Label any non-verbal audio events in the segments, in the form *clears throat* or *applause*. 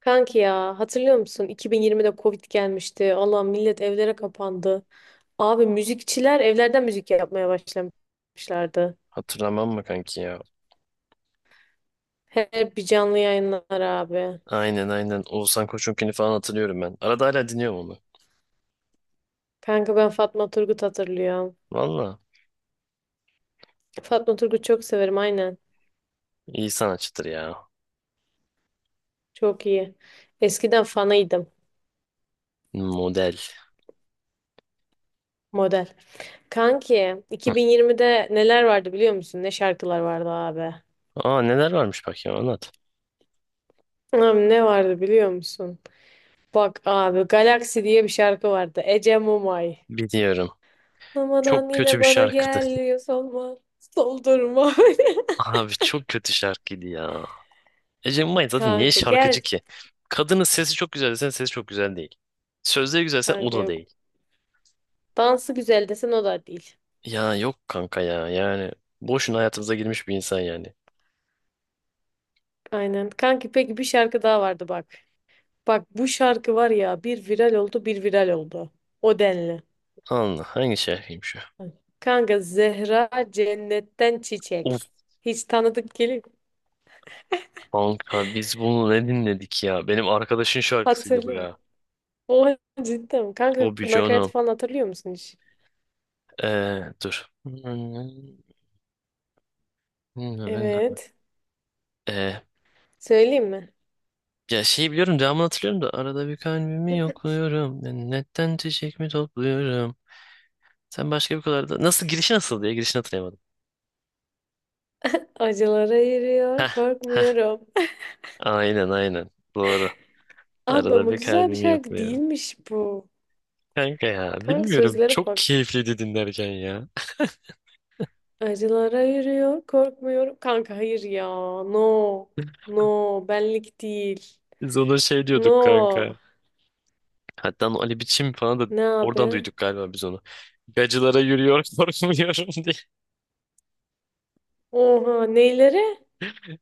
Kanki ya, hatırlıyor musun? 2020'de Covid gelmişti. Allah millet evlere kapandı. Abi müzikçiler evlerden müzik yapmaya başlamışlardı. Hatırlamam mı kanki ya? Her bir canlı yayınlar abi. Aynen aynen. Oğuzhan Koçunkini falan hatırlıyorum ben. Arada hala dinliyorum onu. Kanka ben Fatma Turgut hatırlıyorum. Valla. Fatma Turgut çok severim, aynen. İyi sanatçıdır ya. Çok iyi. Eskiden fanıydım. Model. Model. Kanki *laughs* 2020'de neler vardı biliyor musun? Ne şarkılar vardı abi. Aa, neler varmış bak ya, anlat. Abi ne vardı biliyor musun? Bak abi, Galaxy diye bir şarkı vardı. Ece Mumay. Biliyorum. Mamadan Çok kötü yine bir bana şarkıdı. gel diyor, solma. Soldurma. *laughs* Abi çok kötü şarkıydı ya. Ece Mumay *laughs* zaten niye Kanka gel. şarkıcı ki? Kadının sesi çok güzel desen sesi çok güzel değil. Sözleri güzelse o Kanka da yok. değil. Dansı güzel desen o da değil. Ya yok kanka ya, yani. Boşuna hayatımıza girmiş bir insan yani. Aynen. Kanki peki bir şarkı daha vardı bak. Bak bu şarkı var ya, bir viral oldu bir viral oldu. O denli. Allah, hangi şarkıymış Kanka, Zehra Cennetten o? Çiçek. Hiç tanıdık geliyor. Kanka biz bunu ne dinledik ya? Benim arkadaşın şarkısıydı bu Hatırlıyorum. ya. O *laughs* cidden. Kanka Toby nakarat Jono. falan hatırlıyor musun hiç? Dur. Evet. Ee, Söyleyeyim mi? ya şeyi biliyorum, devamını hatırlıyorum da arada bir kalbimi yokluyorum. Netten çiçek mi topluyorum? Sen başka bir kadar da... Nasıl girişi, nasıl diye girişini hatırlayamadım. Acılara yürüyor Heh, heh. korkmuyorum. Aynen aynen. Doğru. Abi Arada ama bir güzel bir kalbimi şarkı yokluyorum. değilmiş bu. Kanka ya Kanka bilmiyorum, sözlere çok bak. keyifliydi dinlerken ya. Acılara yürüyor, korkmuyorum. Kanka hayır ya. No. No. Benlik değil. Biz ona şey diyorduk No. kanka. Hatta o Ali Biçim falan da Ne oradan abi? duyduk galiba biz onu. Gacılara yürüyor *laughs* korkmuyorum diye. Oha. Neylere?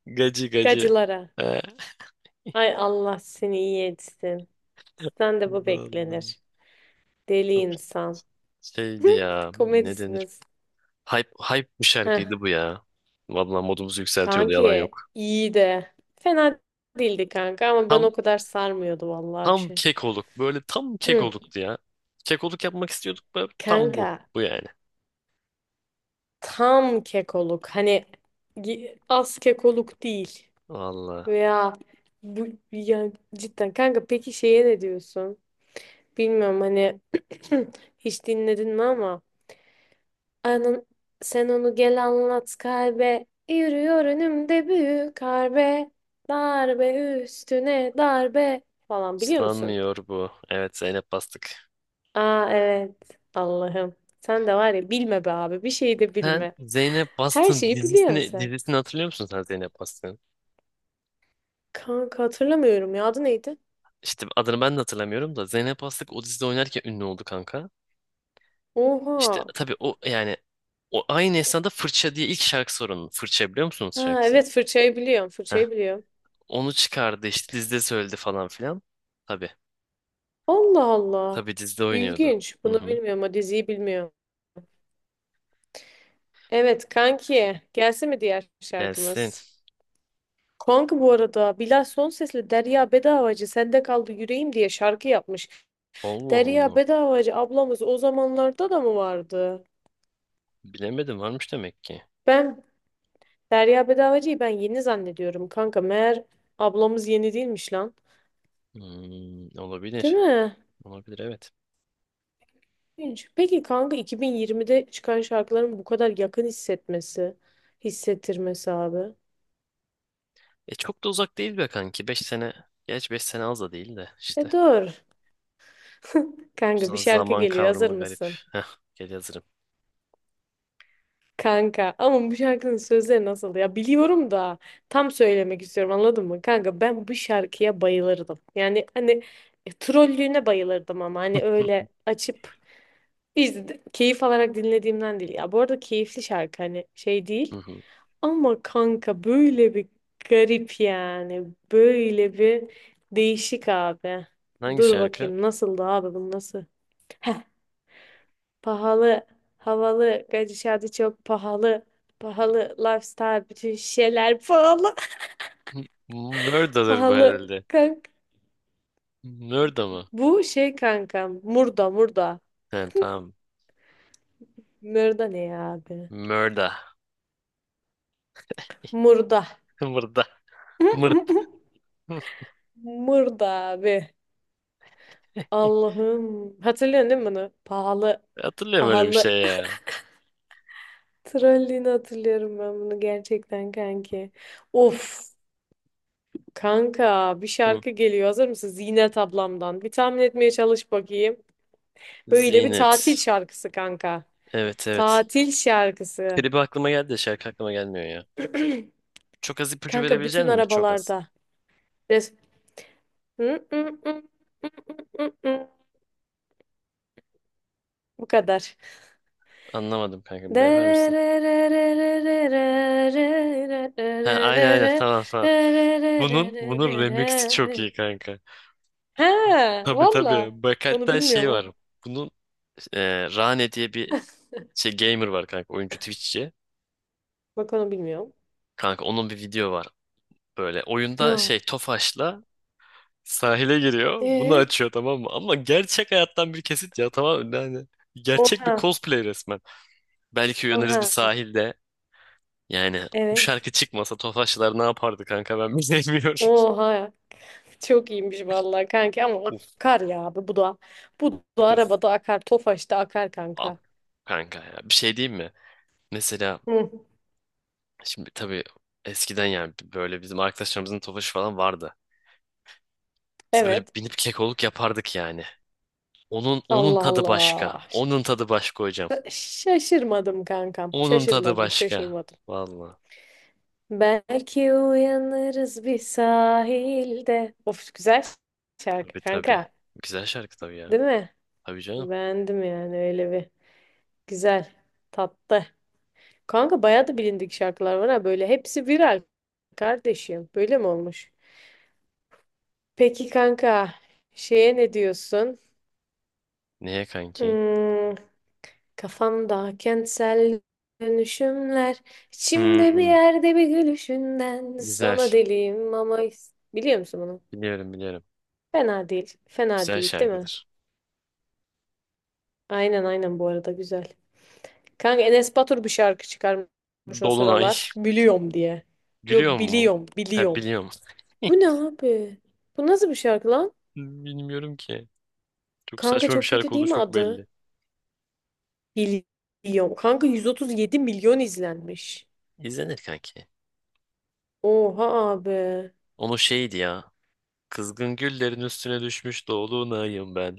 Gacı gacı. Gacılara. Ee, Ay Allah seni iyi etsin. Sen de bu vallahi beklenir. Deli çok insan. şeydi *laughs* ya. Ne denir? Komedisiniz. Hype, hype bir Heh. şarkıydı bu ya. Vallahi modumuzu yükseltiyordu, yalan Kanki yok. iyi de. Fena değildi kanka, ama ben Tam o kadar sarmıyordu vallahi bir tam şey. kekoluk. Böyle tam Hı. kekoluktu ya. Kekoluk yapmak istiyorduk da tam bu. Kanka, Bu yani. tam kekoluk. Hani az kekoluk değil. Vallahi. Veya bu yani, cidden kanka peki şeye ne diyorsun? Bilmiyorum hani *clears throat* hiç dinledin mi ama anan sen onu gel anlat, kalbe yürüyor önümde büyük harbe, darbe üstüne darbe falan, biliyor musun? Islanmıyor bu. Evet, Zeynep Bastık. Aa evet, Allah'ım, sen de var ya, bilme be abi, bir şey de Sen bilme. Zeynep Her Bastık'ın şeyi biliyorsun dizisini, sen. dizisini hatırlıyor musun, sen Zeynep Bastık'ın? Kanka hatırlamıyorum ya, adı neydi? İşte adını ben de hatırlamıyorum da Zeynep Aslık o dizide oynarken ünlü oldu kanka. İşte Oha. tabii o, yani o aynı esnada Fırça diye ilk şarkısı var onun. Fırça biliyor musunuz Ha, şarkısını? evet, fırçayı biliyorum, Heh. fırçayı biliyorum. Onu çıkardı, işte dizide söyledi falan filan. Tabii. Allah Allah. Tabii dizide oynuyordu. İlginç. Hı Bunu hı. bilmiyorum, o diziyi bilmiyorum. Evet kanki, gelsin mi diğer Gelsin. şarkımız? Kanka bu arada Bilal Sonses'le Derya Bedavacı sende kaldı yüreğim diye şarkı yapmış. Allah Derya Allah. Bedavacı ablamız o zamanlarda da mı vardı? Bilemedim, varmış demek ki. Ben Derya Bedavacı'yı ben yeni zannediyorum kanka, meğer ablamız yeni değilmiş lan. Hmm, Değil olabilir. mi? Olabilir evet. İlginç. Peki kanka, 2020'de çıkan şarkıların bu kadar yakın hissetmesi, hissettirmesi abi. E çok da uzak değil be kanki. 5 sene. Geç 5 sene, az da değil de E işte. doğru. *laughs* Kanka bir şarkı Zaman geliyor, hazır kavramı garip. mısın? Heh, gel, hazırım. Kanka ama bu şarkının sözleri nasıl ya, biliyorum da tam söylemek istiyorum, anladın mı? Kanka ben bu şarkıya bayılırdım. Yani hani trollüğüne bayılırdım ama hani öyle açıp keyif alarak dinlediğimden değil. Ya bu arada keyifli şarkı hani, şey Hı değil. hı. Ama kanka böyle bir garip yani. Böyle bir değişik abi. Hangi Dur şarkı? bakayım nasıldı abi, bu nasıl? Heh, pahalı, havalı, gidişatı çok pahalı. Pahalı lifestyle, bütün şeyler pahalı. *laughs* Murda'dır bu Pahalı herhalde. kanka. Murda mı? Bu şey kanka, murda murda. He, tamam. Murda ne ya abi? Murda. Murda. *laughs* Murda. Mırda. *laughs* *laughs* Murda abi. Allah'ım. Hatırlıyorsun değil mi bunu? Pahalı. Hatırlıyorum öyle bir Pahalı. şey ya. *laughs* Trolliğini hatırlıyorum ben bunu, gerçekten kanki. Of. Kanka bir Hı. şarkı geliyor. Hazır mısın? Zinet ablamdan. Bir tahmin etmeye çalış bakayım. Böyle bir Zinet. tatil şarkısı kanka. Evet evet. Tatil şarkısı. Klibi aklıma geldi de şarkı aklıma gelmiyor ya. Çok az ipucu Kanka verebilecek bütün misin? Çok az. arabalarda. Res- Hı, hı, hı, hı, hı, hı, hı. Bu kadar. Anlamadım kanka, bir daha yapar mısın? Ha Ha, aynen aynen, tamam tamam. Bunun remixi çok iyi kanka. Tabii tabii. valla. Bak, Onu hatta şey bilmiyorum ha. var. Bunun e, Rane diye bir şey, gamer var kanka, oyuncu, Twitch'çi. Bak onu bilmiyorum. Kanka onun bir video var. Böyle oyunda Ya. şey Tofaş'la sahile giriyor. Bunu E. açıyor, tamam mı? Ama gerçek hayattan bir kesit ya, tamam mı? Yani gerçek bir Oha. cosplay resmen. Belki uyanırız bir Oha. sahilde. Yani bu Evet. şarkı çıkmasa Tofaşlar ne yapardı kanka, ben bilmiyorum. *laughs* Oha. Çok iyiymiş vallahi kanka, ama Uf akar ya abi bu da. Bu da uf. arabada akar. Tofaş'ta akar Abi, kanka. kanka ya bir şey diyeyim mi? Mesela Hı. şimdi tabii eskiden, yani böyle bizim arkadaşlarımızın Tofaşı falan vardı. Biz böyle Evet. binip kekoluk yapardık yani. Onun Allah tadı başka. Allah. Onun tadı başka hocam. Şaşırmadım kankam. Onun tadı Şaşırmadım, başka. şaşırmadım. Vallahi. Belki uyanırız bir sahilde. Of, güzel şarkı Tabii tabii. kanka. Güzel şarkı tabii ya. Değil mi? Tabii canım. Beğendim yani öyle bir. Güzel. Tatlı. Kanka bayağı da bilindik şarkılar var ha böyle. Hepsi viral kardeşim. Böyle mi olmuş? Peki kanka, şeye ne diyorsun? Niye kanki? Hmm, kafamda kentsel dönüşümler, içimde bir Hmm, yerde bir gülüşünden güzel. sana deliyim ama, biliyor musun bunu? Biliyorum biliyorum. Fena değil. Fena Güzel değil, değil mi? şarkıdır. Aynen aynen, bu arada güzel. Kanka Enes Batur bir şarkı çıkarmış o Dolunay. sıralar. Biliyorum diye. Yok, Gülüyor mu? biliyorum Ha, biliyorum. biliyorum. Bu *laughs* ne abi? Bu nasıl bir şarkı lan? Bilmiyorum ki. Çok Kanka saçma bir çok kötü şarkı değil olduğu mi çok adı? belli. Biliyorum. Kanka 137 milyon izlenmiş. İzlenir kanki. Oha abi. Onu şeydi ya. Kızgın güllerin üstüne düşmüş dolunayım ben.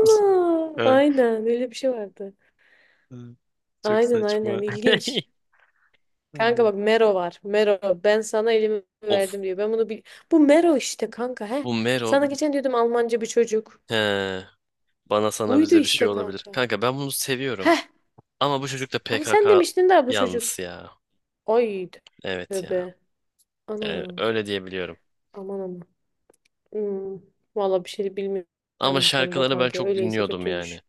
*laughs* Ha, Aynen, öyle bir şey vardı. hı. Çok Aynen aynen, saçma. ilginç. *laughs* Kanka Ay. bak, Mero var. Mero ben sana elimi Of. verdim diyor. Ben bunu bil... Bu Mero işte kanka, he. Bu Mero. Sana geçen diyordum, Almanca bir çocuk. He, bana sana Buydu bize bir şey işte olabilir. kanka. Kanka ben bunu seviyorum. Heh, Ama bu çocuk da ama sen PKK demiştin daha bu çocuk. yanlısı ya. Ay Evet ya. tövbe. Yani Anam, öyle diyebiliyorum. aman aman. Hmm, valla bir şey Ama bilmiyorum bu konuda şarkıları ben kanka. çok Öyleyse dinliyordum yani. kötüymüş.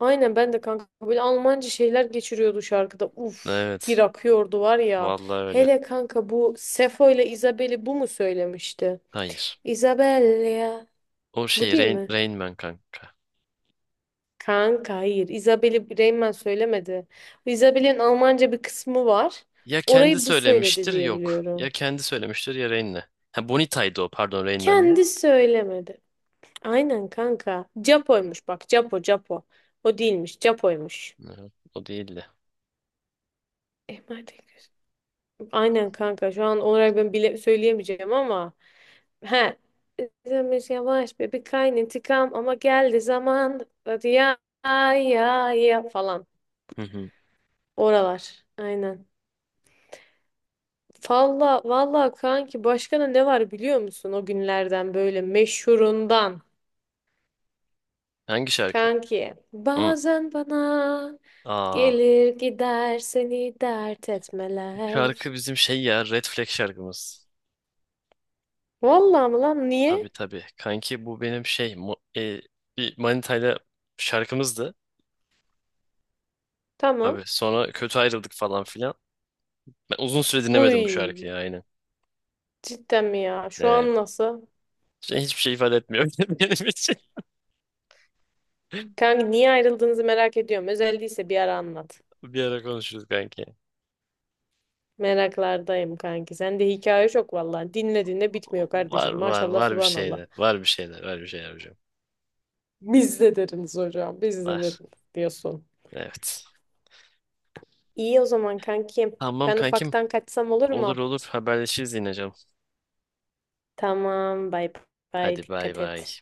Aynen, ben de kanka böyle Almanca şeyler geçiriyordu şarkıda. Uf, bir Evet. akıyordu var ya. Vallahi öyle. Hele kanka, bu Sefo ile Isabel'i bu mu söylemişti? Hayır. Isabel ya. O Bu şey değil Rain, mi? Rain Man kanka. Kanka hayır. Isabel'i Reymen söylemedi. Isabel'in Almanca bir kısmı var. Ya kendi Orayı bu söyledi söylemiştir, diye yok. Ya biliyorum. kendi söylemiştir, ya Rain'le. Ha, Bonita'ydı o, pardon, Rain Man'le. Kendi söylemedi. Aynen kanka. Japo'ymuş bak. Japo, Japo. O değilmiş. Japo'ymuş. Hı, o değildi. Emade göz- Aynen kanka. Şu an olarak ben bile söyleyemeyeceğim ama. He. Demiş yavaş be bir kayn intikam ama geldi zaman. Hadi ya, ya ya falan. Hı hı. Oralar. Aynen. Valla valla kanki, başka ne var biliyor musun o günlerden böyle meşhurundan, Hangi şarkı? kanki Hı. bazen bana Aa, gelir gider seni dert bu şarkı etmeler, bizim şey ya, Red Flag şarkımız. valla mı lan Tabii niye, tabii. Kanki bu benim şey bir Manita'yla şarkımızdı. tamam, Tabii sonra kötü ayrıldık falan filan. Ben uzun süre dinlemedim bu uy, şarkıyı, aynen. cidden mi ya, şu Ee, an nasıl, şey, hiçbir şey ifade etmiyor *laughs* benim için. kanki niye ayrıldığınızı merak ediyorum, özel değilse bir ara anlat, Bir ara konuşuruz kanki. meraklardayım kanki, sende hikaye çok valla, dinlediğinde bitmiyor Var kardeşim, var maşallah var bir subhanallah, şeyler. Var bir şeyler. Var bir şeyler hocam. biz de deriniz hocam biz de Var. deriniz diyorsun. Evet. İyi o zaman kankim. Tamam Ben kankim. ufaktan kaçsam olur Olur mu? olur, haberleşiriz yine canım. Tamam, bay bay. Hadi bay Dikkat bay. et.